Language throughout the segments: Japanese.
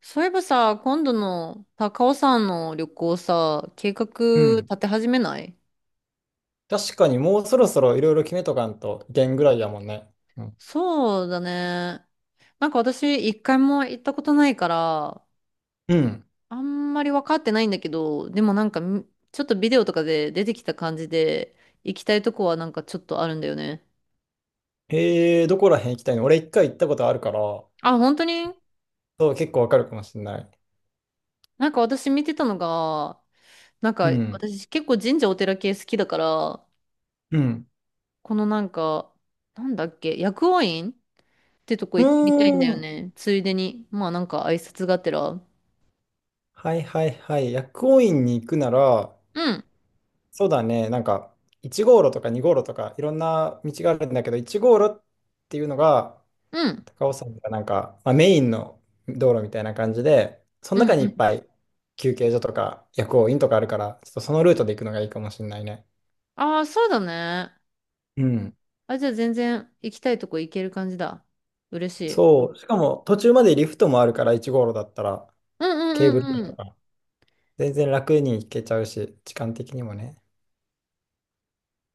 そういえばさ、今度の高尾山の旅行さ、計画うん。立て始めない？確かにもうそろそろいろいろ決めとかんといけんぐらいやもんね。うん。そうだね。なんか私、一回も行ったことないから、うん。あんまり分かってないんだけど、でもなんかちょっとビデオとかで出てきた感じで、行きたいとこはなんかちょっとあるんだよね。どこら辺行きたいの？俺一回行ったことあるから、あ、本当に？そう、結構わかるかもしれない。なんか私見てたのが、なんか、うん。私結構神社お寺系好きだから、うん。このなんか、なんだっけ、薬王院てとこう行ってみたいんだーよん。ね。ついでに。まあなんか挨拶がてら。うん、はいはいはい。薬王院に行くなら、うそうだね、1号路とか2号路とかいろんな道があるんだけど、1号路っていうのが、ん、高尾山がなんか、まあ、メインの道路みたいな感じで、そのうん、中にういっん。ぱい休憩所とか薬王院とかあるから、ちょっとそのルートで行くのがいいかもしれないね。ああ、そうだね。うん。あ、じゃあ全然行きたいとこ行ける感じだ。嬉しい。そう。しかも途中までリフトもあるから、1号路だったらうんうケーんブルカうんうーん。と全然楽に行けちゃうし、時間的にもね。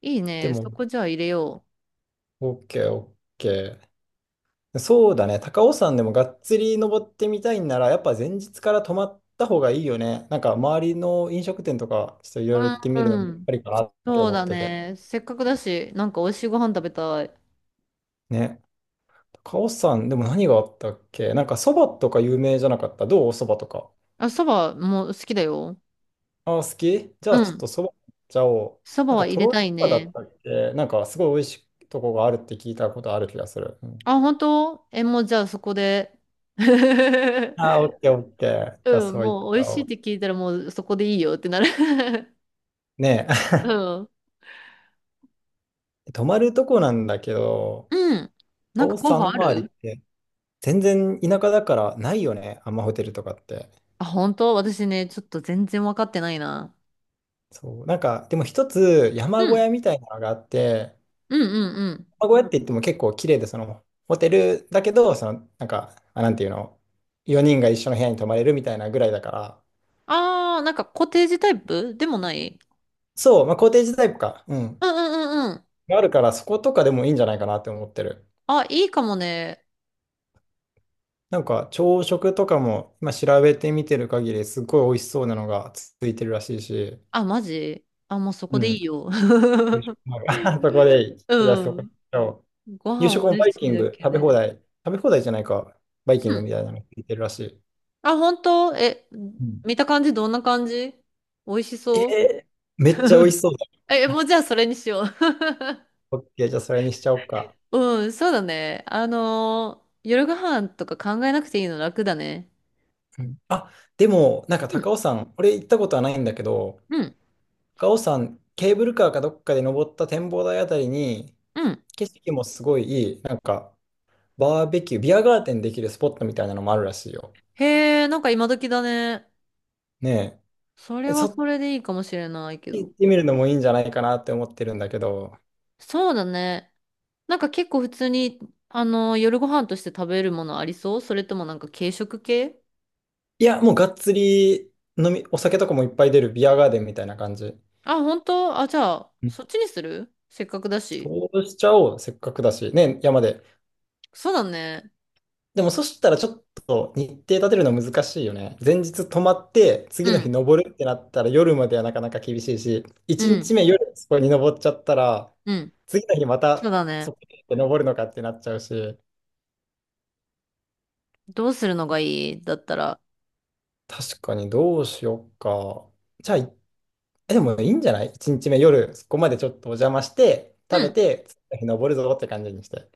いいでね。そも、こじゃあ入れよ OK、OK。そうだね。高尾山でもがっつり登ってみたいんなら、やっぱ前日から泊まった方がいいよね。なんか周りの飲食店とか、ちょっといろいろ行ってう。みうるのもん、うやっん。ぱりかなってそう思っだてて。ね。せっかくだし、なんか美味しいご飯食べたい。ね。カオスさん、でも何があったっけ？なんかそばとか有名じゃなかった？どうそばとか。あ、そばも好きだよ。ああ、好き？じゃうあちょっん。とそば行っちゃおう。そばなんはか入とれろろたいそばだっね。たっけ？なんかすごい美味しいとこがあるって聞いたことある気がする。うん。あ、本当？え、もうじゃあそこで。あ あ、オッケーオッケー。じゃあうん、そう行っもうち美味ゃしおいっう。て聞いたらもうそこでいいよってなる ねうん。え、泊まるとこなんだけど、うん。カなんかオス候さん補のあ周りっる？て全然田舎だからないよね。あんまホテルとかって。あ、本当？私ね、ちょっと全然分かってないな。そう。なんか、でも一つう山小屋ん。みたいなのがあって、うんうんうん。うやって言っても結構綺麗で、その、ホテルだけど、その、なんか、あ、なんていうの、4人が一緒の部屋に泊まれるみたいなぐらいだから、あー、なんかコテージタイプでもない？そう、まあ、コテージタイプか、うん、うんうんうんうん。があるから、そことかでもいいんじゃないかなって思ってる。あ、いいかもね。なんか、朝食とかも、今調べてみてる限り、すっごい美味しそうなのがついてるらしいし、あ、マジ？あ、もうそうこでいん、いよ。夕食 もある。 そこでいい。じゃあ、うそこでん。行こごう。夕食飯も美バ味イしキいンだグ、け食べ放で。題、食べ放題じゃないか、バイキうングみん。たいなのついてるらしい。あ、本当？え、うん。見た感じどんな感じ？美味しえそう？ ーめっちゃ美味しそう。え、もうじゃあそれにしよう。オッケー、じゃあそれにしちゃおうか。うん、そうだね。夜ご飯とか考えなくていいの楽だね。うん。あ、でも、なんかう高ん、尾山、俺行ったことはないんだけど、うん、高尾山、ケーブルカーかどっかで登った展望台あたりに、うん。景色もすごいいい、なんか、バーベキュー、ビアガーデンできるスポットみたいなのもあるらしいよ。へえ、なんか今時だね。ね。そえ。れえはそっちそれでいいかもしれないけ行ど。ってみるのもいいんじゃないかなって思ってるんだけど、そうだね。なんか結構普通に、夜ご飯として食べるものありそう？それともなんか軽食系？いや、もうがっつり飲み、お酒とかもいっぱい出るビアガーデンみたいな感じ。あ、本当？あ、じゃあ、うん。そっちにする。せっかくだし。そうしちゃおう、せっかくだし。ねえ、山で。そうだね。でもそしたらちょっと日程立てるの難しいよね。前日泊まって、う次の日ん、登るってなったら夜まではなかなか厳しいし、う1日ん、目夜そこに登っちゃったら、うん。次の日まそうただそね。こに登るのかってなっちゃうし、どうするのがいい？だったら。確かにどうしようか。じゃあ、いえでもいいんじゃない？ 1 日目夜そこまでちょっとお邪魔して、食うべん、て、次の日登るぞって感じにして。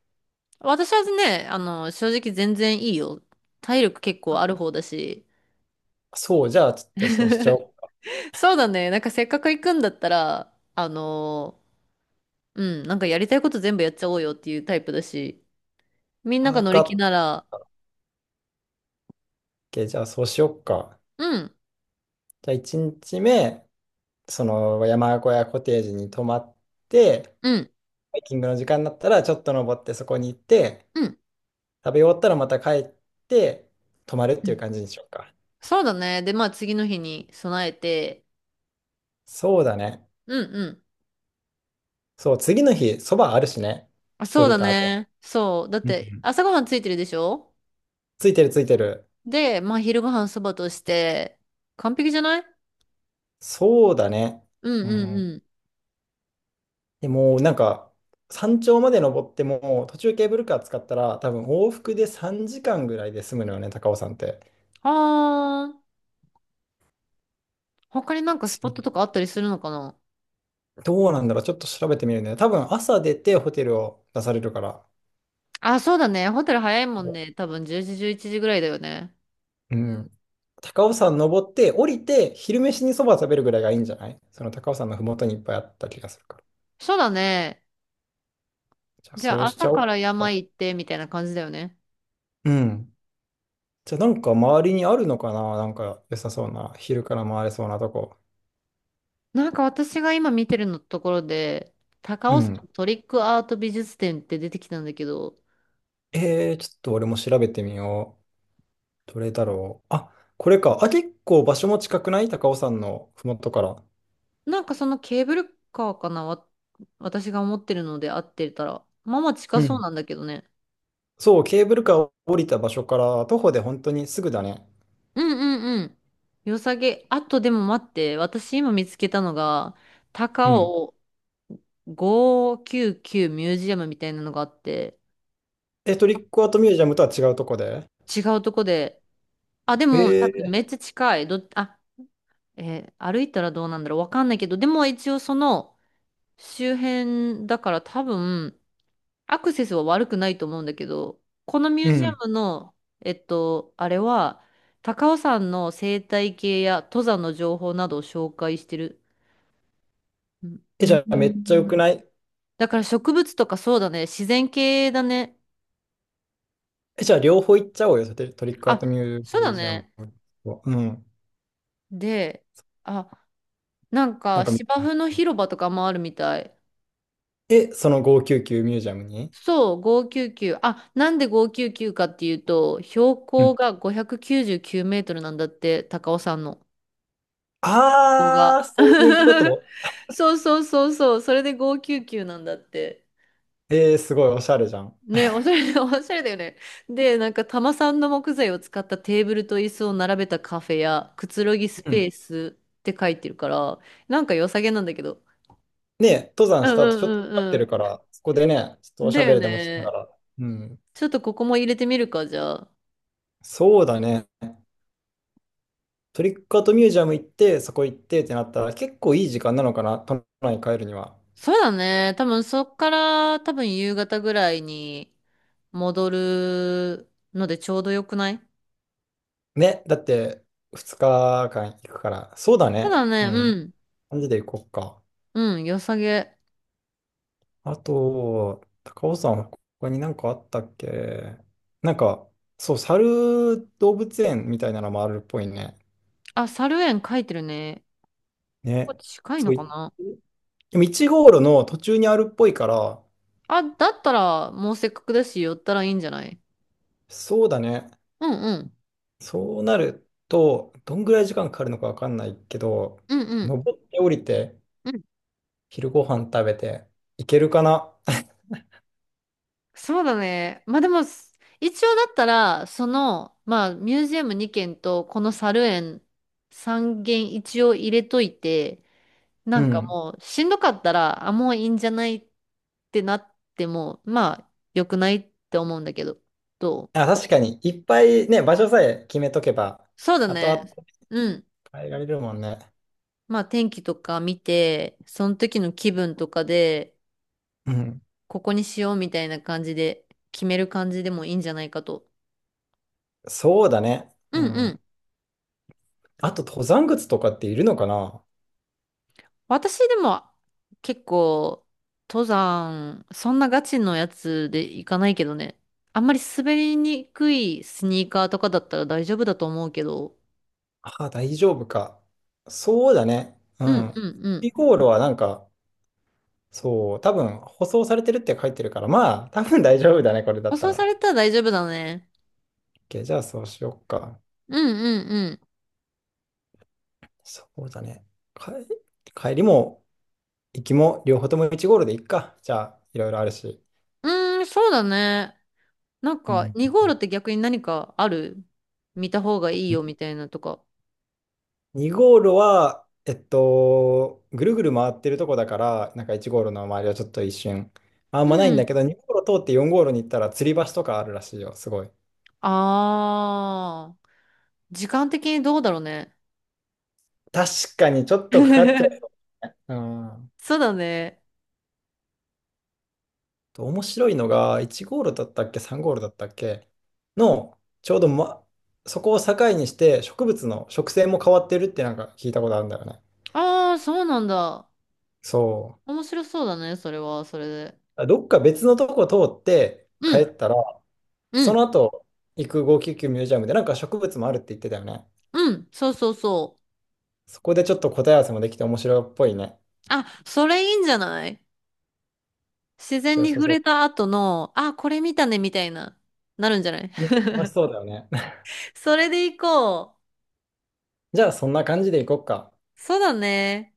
私はね、正直全然いいよ。体力結構ある方だし。そう、じゃあちょっとそうしちゃおうか。そうだね。なんかせっかく行くんだったら、うん、なんかやりたいこと全部やっちゃおうよっていうタイプだし。みんながわ乗かり気っなた。ら、OK、 じゃあそうしようか。うん、じゃあ1日目、その山小屋コテージに泊まって、うん、ハイキングの時間になったらちょっと登ってそこに行って、うん、食べ終わったらまた帰って泊まるっうていうん、感じにしようか。そうだね。で、まあ次の日に備えて、そうだね。うん、うん。そう、次の日、そばあるしね。あ、そ降うりだた後。ね。そう。だっうんうてん。朝ごはんついてるでしょ？ついてるついてる。で、まあ昼ごはんそばとして、完璧じゃない？そうだね。うん、ううん、ん。うん。でもうなんか、山頂まで登っても、途中ケーブルカー使ったら、多分往復で3時間ぐらいで済むのよね、高尾山って。はーん。他になんかスポットとかあったりするのかな？どうなんだろう、ちょっと調べてみるね。多分朝出てホテルを出されるから。あ、そうだね。ホテル早いもんね。多分10時、11時ぐらいだよね。うん。高尾山登って降りて昼飯にそば食べるぐらいがいいんじゃない？その高尾山のふもとにいっぱいあった気がするから。そうだね。じゃあじゃそあうしち朝ゃおかうら山か。行ってみたいな感じだよね。うん。じゃあなんか周りにあるのかな？なんか良さそうな、昼から回れそうなとこ。なんか私が今見てるのところで、高う尾山ん。トリックアート美術展って出てきたんだけど、えー、ちょっと俺も調べてみよう。どれだろう。あ、これか。あ、結構場所も近くない？高尾山のふもとから。なんかそのケーブルカーかな、わ、私が思ってるので合ってたら。まあまあ近うそうん。なんだけどね。そう、ケーブルカーを降りた場所から徒歩で本当にすぐだね。うんうんうん。良さげ。あとでも待って、私今見つけたのが、う高ん。尾599ミュージアムみたいなのがあって、え、トリックアートミュージアムとは違うとこで。違うとこで、あ、でえも多分ー、めっちゃ近い。あ、え歩いたらどうなんだろう。わかんないけど、でも一応その周辺だから多分アクセスは悪くないと思うんだけど、このミュうージアん。ムの、あれは、高尾山の生態系や登山の情報などを紹介してる。うん。うえ、じゃあめっちゃ良くん、ない？だから植物とか、そうだね。自然系だね。え、じゃあ両方行っちゃおうよ、トリトリックアートあ、ミュそうだージアムね。と。うん。で、あ、なんなんかか見て芝み生のよう。広場とかもあるみたい。え、その599ミュージアムに。そう、599。あ、なんで599かっていうと、標う高ん。が599メートルなんだって、高尾山の。ここが。あー、そういうこ と。そうそうそうそう、それで599なんだって。えー、すごいおしゃれじゃん。ね、おしゃれ、おしゃれだよね。で、なんか玉さんの木材を使ったテーブルと椅子を並べたカフェやくつろぎスうペん。ースって書いてるから、なんか良さげなんだけど。ね、登う山んしたう後ちょっと疲んれうてるかんら、そこでね、ちょっとうん。おしだゃべよりでもしながね。ら。うん。ちょっとここも入れてみるか、じゃあ。そうだね。トリックアートミュージアム行って、そこ行ってってなったら、結構いい時間なのかな、都内に帰るには。そうだね。多分そっから多分夕方ぐらいに戻るのでちょうどよくない？ね、だって2日間行くから。そうだそうね。だね。ううん。ん。感じで行こうか。うん。良さげ。あと、高尾さん、他になんかあったっけ？なんか、そう、猿動物園みたいなのもあるっぽいね。あ、猿園書いてるね。ここね。近いそのう、かいな？でも1号路の途中にあるっぽいから、あ、だったらもうせっかくだし寄ったらいいんじゃない？そうだね。うんうん。そうなると、どんぐらい時間かかるのかわかんないけど、うんうん。登って降りて、うん、昼ご飯食べて、いけるかな？ そうだね。まあでも、一応だったら、まあミュージアム2軒とこの猿園3軒一応入れといて、なうんかん。もうしんどかったら、あ、もういいんじゃないってなっても、まあ良くないって思うんだけど、どう？あ、確かに、いっぱいね、場所さえ決めとけば、そうだ後ね。々うん。変えられるもんね。まあ天気とか見て、その時の気分とかで、うん。ここにしようみたいな感じで決める感じでもいいんじゃないかと。そうだね。ううんうん。ん。あと、登山靴とかっているのかな？私でも結構登山、そんなガチのやつで行かないけどね。あんまり滑りにくいスニーカーとかだったら大丈夫だと思うけど。あ、大丈夫か。そうだね。ううんうん。んうん。イコールはなんか、そう、多分、舗装されてるって書いてるから、まあ、多分大丈夫だね、これだ舗った装さら。れたら大丈夫だね。OK、じゃあそうしよっか。うんうんそうだね。か、帰りも行きも両方とも1ゴールで行くか。じゃあ、いろいろあるし。うん。うーん、そうだね。なんうか、ん。2号路って逆に何かある？見た方がいいよみたいなとか。2ゴールは、えっと、ぐるぐる回ってるとこだから、なんか1ゴールの周りはちょっと一瞬、あうんまないんだん。けど、2ゴール通って4ゴールに行ったら、吊り橋とかあるらしいよ、すごい。あー。時間的にどうだろうね。確かにちょっとかかっちゃ う。うん。そうだね。と面白いのが、1ゴールだったっけ、3ゴールだったっけの、ちょうど、ま、そこを境にして、植物の植生も変わってるってなんか聞いたことあるんだよね。ああ、そうなんだ。そ面白そうだね、それは、それで。う。どっか別のとこ通ってう帰ん、ったら、うそのん、後行く599ミュージアムでなんか植物もあるって言ってたよね。うん、そうそうそう。そこでちょっと答え合わせもできて面白いっぽいね。あ、それいいんじゃない？自じ然ゃあ、に触それた後の、あ、これ見たね、みたいな、なるんじゃない？う。ね、楽しそうだよね。それで行こ じゃあ、そんな感じで行こっか。う。そうだね。